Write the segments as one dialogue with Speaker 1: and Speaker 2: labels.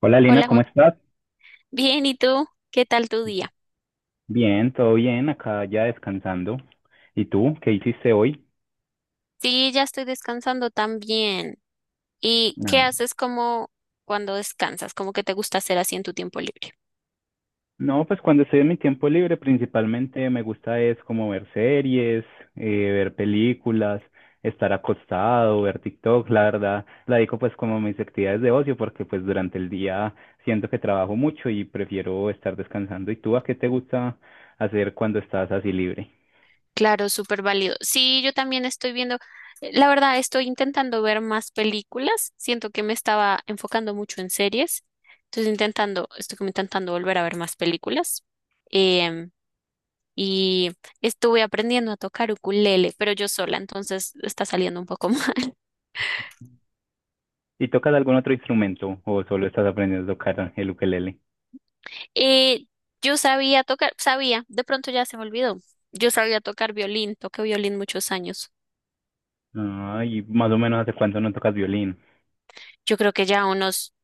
Speaker 1: Hola Lina,
Speaker 2: Hola
Speaker 1: ¿cómo
Speaker 2: Juan.
Speaker 1: estás?
Speaker 2: Bien, ¿y tú? ¿Qué tal tu día?
Speaker 1: Bien, todo bien, acá ya descansando. ¿Y tú, qué hiciste hoy?
Speaker 2: Sí, ya estoy descansando también. ¿Y qué
Speaker 1: Ah.
Speaker 2: haces como cuando descansas? ¿Cómo que te gusta hacer así en tu tiempo libre?
Speaker 1: No, pues cuando estoy en mi tiempo libre principalmente me gusta es como ver series, eh, ver películas, estar acostado, ver TikTok, la verdad, la digo pues como mis actividades de ocio porque pues durante el día siento que trabajo mucho y prefiero estar descansando. ¿Y tú a qué te gusta hacer cuando estás así libre?
Speaker 2: Claro, súper válido. Sí, yo también estoy viendo, la verdad, estoy intentando ver más películas. Siento que me estaba enfocando mucho en series. Entonces intentando, estoy como intentando volver a ver más películas. Em, y Estuve aprendiendo a tocar ukulele, pero yo sola, entonces está saliendo un poco mal.
Speaker 1: ¿Y tocas algún otro instrumento o solo estás aprendiendo a tocar el ukelele?
Speaker 2: Eh, yo sabía tocar, sabía, de pronto ya se me olvidó. Yo sabía tocar violín, toqué violín muchos años.
Speaker 1: Ah, y más o menos ¿hace cuánto no tocas violín?
Speaker 2: Yo creo que ya unos,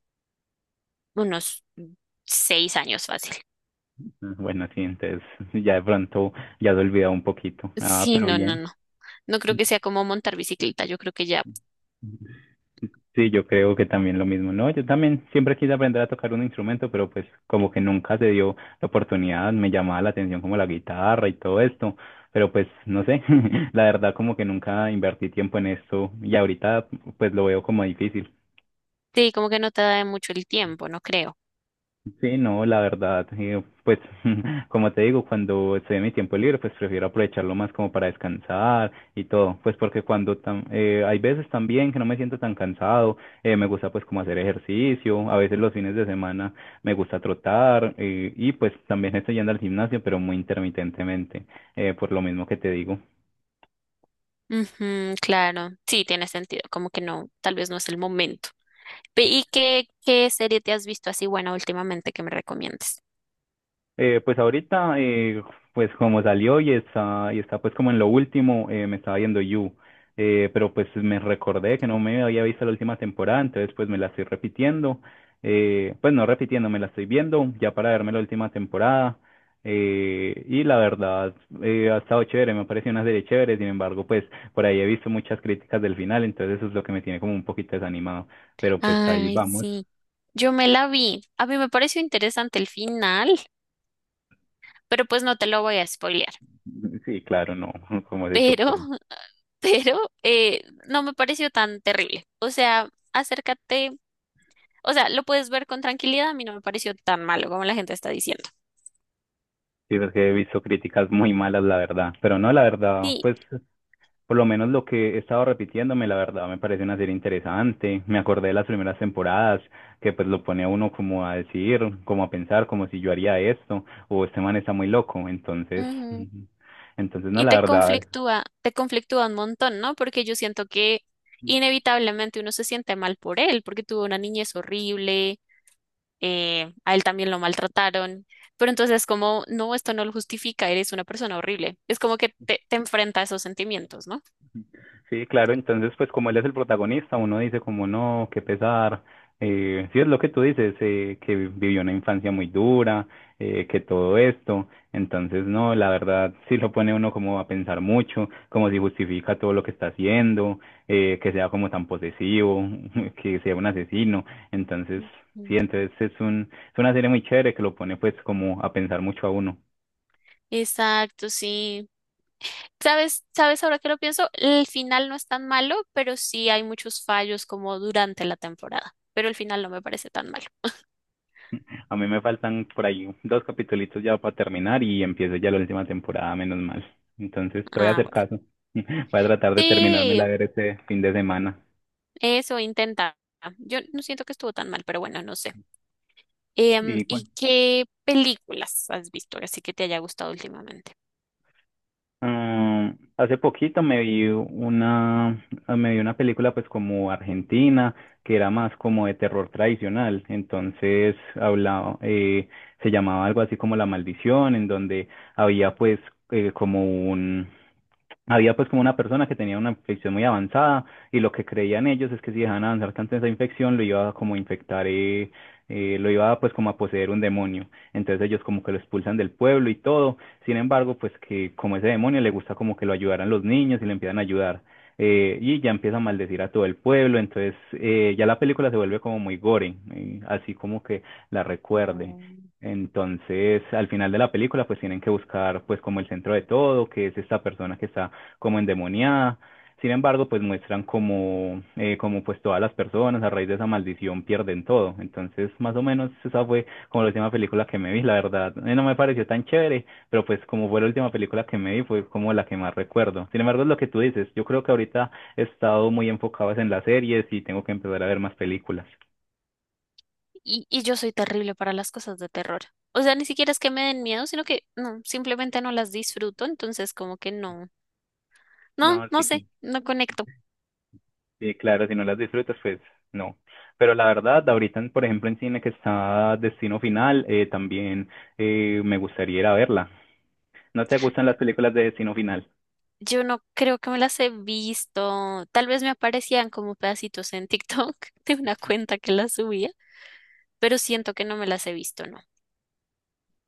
Speaker 2: unos 6 años fácil.
Speaker 1: Ah, bueno, sí, entonces ya de pronto ya has olvidado un poquito. Ah,
Speaker 2: Sí,
Speaker 1: pero
Speaker 2: no, no,
Speaker 1: bien.
Speaker 2: no. No creo que sea como montar bicicleta, yo creo que ya.
Speaker 1: Sí, yo creo que también lo mismo. No, yo también siempre quise aprender a tocar un instrumento, pero pues como que nunca se dio la oportunidad, me llamaba la atención como la guitarra y todo esto, pero pues no sé, la verdad como que nunca invertí tiempo en esto y ahorita pues lo veo como difícil.
Speaker 2: Sí, como que no te da mucho el tiempo, no creo.
Speaker 1: Sí, no, la verdad, pues como te digo, cuando estoy en mi tiempo libre, pues prefiero aprovecharlo más como para descansar y todo, pues porque cuando hay veces también que no me siento tan cansado, me gusta pues como hacer ejercicio, a veces los fines de semana me gusta trotar y pues también estoy yendo al gimnasio, pero muy intermitentemente, por lo mismo que te digo.
Speaker 2: Ujú, claro, sí, tiene sentido, como que no, tal vez no es el momento. ¿Y qué, qué serie te has visto así buena últimamente que me recomiendes?
Speaker 1: Pues ahorita, pues como salió y está pues como en lo último, me estaba viendo You, pero pues me recordé que no me había visto la última temporada, entonces pues me la estoy repitiendo, pues no repitiendo, me la estoy viendo ya para verme la última temporada, y la verdad, ha estado chévere, me ha parecido una serie chévere, sin embargo, pues por ahí he visto muchas críticas del final, entonces eso es lo que me tiene como un poquito desanimado, pero pues ahí
Speaker 2: Ay,
Speaker 1: vamos,
Speaker 2: sí. Yo me la vi. A mí me pareció interesante el final, pero pues no te lo voy a spoilear.
Speaker 1: sí, claro, no, como se te
Speaker 2: Pero,
Speaker 1: ocurre.
Speaker 2: pero no me pareció tan terrible. O sea, acércate. O sea, lo puedes ver con tranquilidad. A mí no me pareció tan malo como la gente está diciendo.
Speaker 1: Sí, porque he visto críticas muy malas, la verdad. Pero no, la verdad,
Speaker 2: Sí.
Speaker 1: pues por lo menos lo que he estado repitiéndome, la verdad, me parece una serie interesante. Me acordé de las primeras temporadas, que pues lo pone a uno como a decir, como a pensar, como si yo haría esto, o este man está muy loco. Entonces,
Speaker 2: Ujú.
Speaker 1: entonces no,
Speaker 2: Y
Speaker 1: la verdad.
Speaker 2: te conflictúa un montón, ¿no? Porque yo siento que inevitablemente uno se siente mal por él, porque tuvo una niñez horrible, a él también lo maltrataron, pero entonces como, no, esto no lo justifica, eres una persona horrible. Es como que te enfrenta a esos sentimientos, ¿no?
Speaker 1: Sí, claro, entonces pues como él es el protagonista, uno dice como no, qué pesar. Sí es lo que tú dices, que vivió una infancia muy dura, que todo esto. Entonces no, la verdad sí lo pone uno como a pensar mucho, como si justifica todo lo que está haciendo, que sea como tan posesivo, que sea un asesino. Entonces sí,
Speaker 2: Ujú.
Speaker 1: entonces es una serie muy chévere que lo pone pues como a pensar mucho a uno.
Speaker 2: Exacto, sí. ¿Sabes, sabes ahora que lo pienso? El final no es tan malo, pero sí hay muchos fallos como durante la temporada. Pero el final no me parece tan malo.
Speaker 1: A mí me faltan por ahí dos capitulitos ya para terminar y empiezo ya la última temporada, menos mal. Entonces te voy a
Speaker 2: Ah,
Speaker 1: hacer
Speaker 2: bueno.
Speaker 1: caso. Voy a tratar de terminarme la
Speaker 2: Sí,
Speaker 1: ver este fin de semana.
Speaker 2: eso intenta. Yo no siento que estuvo tan mal, pero bueno, no sé.
Speaker 1: Y bueno,
Speaker 2: ¿Y qué películas has visto así que te haya gustado últimamente?
Speaker 1: ah, hace poquito me vi una película pues como argentina, que era más como de terror tradicional. Entonces hablaba, se llamaba algo así como La Maldición, en donde había pues como Había pues como una persona que tenía una infección muy avanzada y lo que creían ellos es que si dejaban avanzar tanto esa infección lo iba a como infectar, lo iba pues como a poseer un demonio. Entonces ellos como que lo expulsan del pueblo y todo. Sin embargo, pues que como ese demonio le gusta como que lo ayudaran los niños y le empiezan a ayudar. Y ya empieza a maldecir a todo el pueblo. Entonces ya la película se vuelve como muy gore, así como que la recuerde.
Speaker 2: Mm.
Speaker 1: Entonces, al final de la película, pues tienen que buscar, pues, como el centro de todo, que es esta persona que está como endemoniada. Sin embargo, pues muestran como, como pues todas las personas a raíz de esa maldición pierden todo. Entonces, más o menos esa fue como la última película que me vi, la verdad. No me pareció tan chévere, pero pues como fue la última película que me vi, fue como la que más recuerdo. Sin embargo, es lo que tú dices. Yo creo que ahorita he estado muy enfocado es en las series y tengo que empezar a ver más películas.
Speaker 2: Y yo soy terrible para las cosas de terror. O sea, ni siquiera es que me den miedo, sino que no, simplemente no las disfruto, entonces como que no,
Speaker 1: No,
Speaker 2: no
Speaker 1: sí.
Speaker 2: sé, no conecto.
Speaker 1: Sí, claro, si no las disfrutas, pues no. Pero la verdad, ahorita, por ejemplo, en cine que está Destino Final, también me gustaría ir a verla. ¿No te gustan las películas de Destino Final?
Speaker 2: Yo no creo que me las he visto. Tal vez me aparecían como pedacitos en TikTok de una cuenta que las subía, pero siento que no me las he visto, ¿no?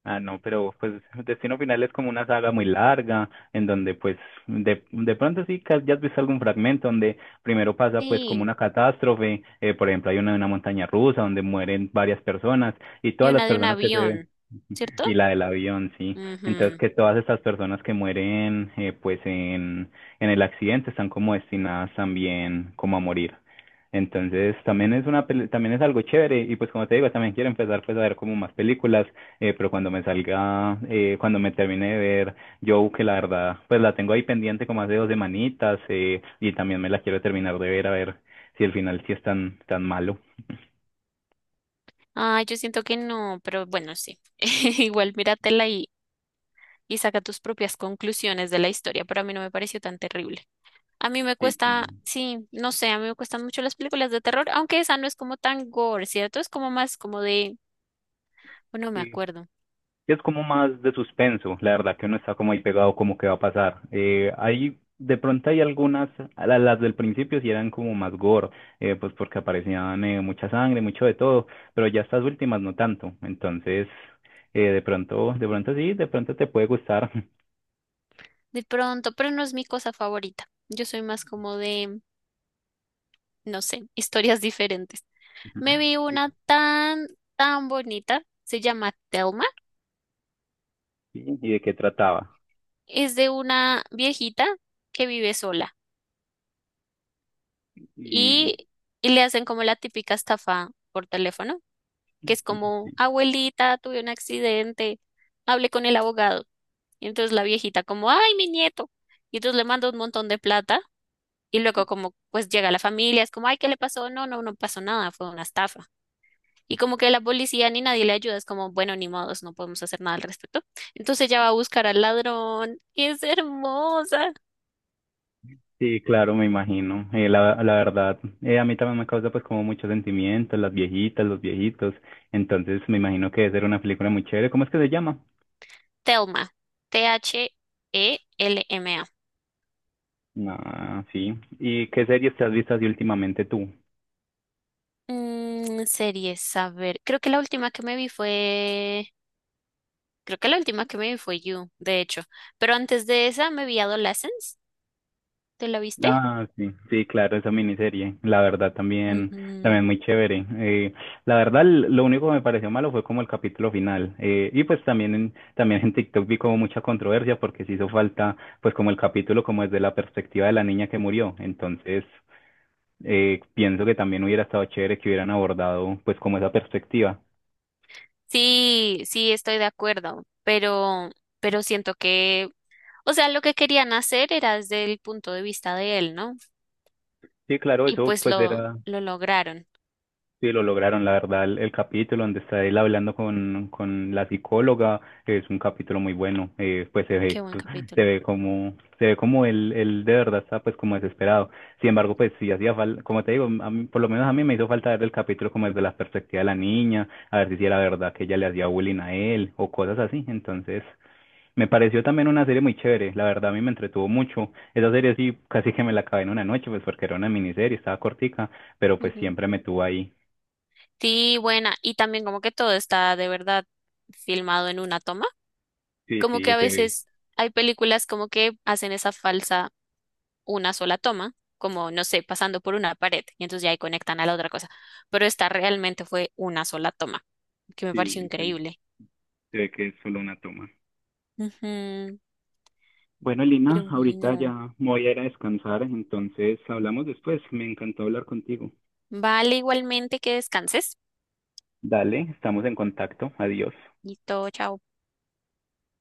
Speaker 1: Ah, no, pero pues Destino Final es como una saga muy larga, en donde pues de pronto sí que ya has visto algún fragmento donde primero pasa pues como
Speaker 2: Sí,
Speaker 1: una catástrofe, por ejemplo hay una de una montaña rusa donde mueren varias personas y
Speaker 2: y
Speaker 1: todas las
Speaker 2: una de un
Speaker 1: personas que se
Speaker 2: avión, ¿cierto?
Speaker 1: y la del avión, sí. Entonces
Speaker 2: Ujú.
Speaker 1: que todas estas personas que mueren pues en el accidente están como destinadas también como a morir. Entonces también es una también es algo chévere y pues como te digo también quiero empezar pues a ver como más películas pero cuando me salga, cuando me termine de ver Joe, que la verdad, pues la tengo ahí pendiente como hace dos semanitas, y también me la quiero terminar de ver a ver si el final sí es tan, tan malo.
Speaker 2: Ay, yo siento que no, pero bueno, sí. Igual míratela y saca tus propias conclusiones de la historia, pero a mí no me pareció tan terrible. A mí me
Speaker 1: Sí,
Speaker 2: cuesta,
Speaker 1: claro.
Speaker 2: sí, no sé, a mí me cuestan mucho las películas de terror, aunque esa no es como tan gore, ¿cierto? Es como más como de, bueno, no me
Speaker 1: Sí,
Speaker 2: acuerdo.
Speaker 1: es como más de suspenso, la verdad que uno está como ahí pegado como que va a pasar. Hay, de pronto hay algunas, las del principio sí eran como más gore, pues porque aparecían mucha sangre, mucho de todo, pero ya estas últimas no tanto, entonces de pronto sí, de pronto te puede gustar.
Speaker 2: De pronto, pero no es mi cosa favorita. Yo soy más como de, no sé, historias diferentes. Me vi
Speaker 1: Y,
Speaker 2: una tan, tan bonita, se llama Thelma.
Speaker 1: sí, ¿y de qué trataba?
Speaker 2: Es de una viejita que vive sola
Speaker 1: Y
Speaker 2: y, y le hacen como la típica estafa por teléfono, que es como, abuelita, tuve un accidente, hablé con el abogado. Y entonces la viejita como, ay, mi nieto. Y entonces le manda un montón de plata y luego como, pues llega la familia, es como, ay, ¿qué le pasó? No, no pasó nada, fue una estafa. Y como que la policía ni nadie le ayuda, es como, bueno, ni modos, no podemos hacer nada al respecto. Entonces ella va a buscar al ladrón. Es hermosa.
Speaker 1: sí, claro, me imagino. La verdad, a mí también me causa pues como muchos sentimientos, las viejitas, los viejitos. Entonces me imagino que debe ser una película muy chévere. ¿Cómo es que se llama?
Speaker 2: Thelma. Thelma.
Speaker 1: Ah, sí. ¿Y qué series te has visto así últimamente tú?
Speaker 2: Mm, series, a ver. Creo que la última que me vi fue. Creo que la última que me vi fue You, de hecho. Pero antes de esa me vi Adolescence. ¿Te la viste?
Speaker 1: Ah, sí, sí, claro, esa miniserie, la verdad también,
Speaker 2: Ujú.
Speaker 1: también muy chévere. La verdad, lo único que me pareció malo fue como el capítulo final. Y pues también también en TikTok vi como mucha controversia porque se hizo falta, pues como el capítulo como desde la perspectiva de la niña que murió. Entonces, pienso que también hubiera estado chévere que hubieran abordado pues como esa perspectiva.
Speaker 2: Sí, sí, estoy de acuerdo. Pero siento que. O sea, lo que querían hacer era desde el punto de vista de él, ¿no?
Speaker 1: Sí, claro,
Speaker 2: Y
Speaker 1: eso
Speaker 2: pues
Speaker 1: pues era.
Speaker 2: lo lograron.
Speaker 1: Sí, lo lograron, la verdad, el capítulo donde está él hablando con la psicóloga es un capítulo muy bueno, pues se
Speaker 2: Qué
Speaker 1: ve,
Speaker 2: buen capítulo.
Speaker 1: se ve como él de verdad está pues como desesperado, sin embargo pues sí hacía falta, como te digo, por lo menos a mí me hizo falta ver el capítulo como desde la perspectiva de la niña, a ver si sí era verdad que ella le hacía bullying a él o cosas así, entonces me pareció también una serie muy chévere, la verdad a mí me entretuvo mucho, esa serie sí casi que me la acabé en una noche pues porque era una miniserie, estaba cortica pero pues
Speaker 2: Ujú.
Speaker 1: siempre me tuvo ahí.
Speaker 2: Sí, buena. Y también como que todo está de verdad filmado en una toma.
Speaker 1: Sí,
Speaker 2: Como que
Speaker 1: sí,
Speaker 2: a
Speaker 1: se ve,
Speaker 2: veces hay películas como que hacen esa falsa una sola toma, como no sé, pasando por una pared y entonces ya ahí conectan a la otra cosa. Pero esta realmente fue una sola toma, que me pareció
Speaker 1: sí,
Speaker 2: increíble.
Speaker 1: se ve que es solo una toma.
Speaker 2: Ujú.
Speaker 1: Bueno,
Speaker 2: Pero
Speaker 1: Lina, ahorita
Speaker 2: bueno.
Speaker 1: ya me voy a ir a descansar, entonces hablamos después. Me encantó hablar contigo.
Speaker 2: Vale, igualmente que descanses.
Speaker 1: Dale, estamos en contacto. Adiós.
Speaker 2: Y todo, chao.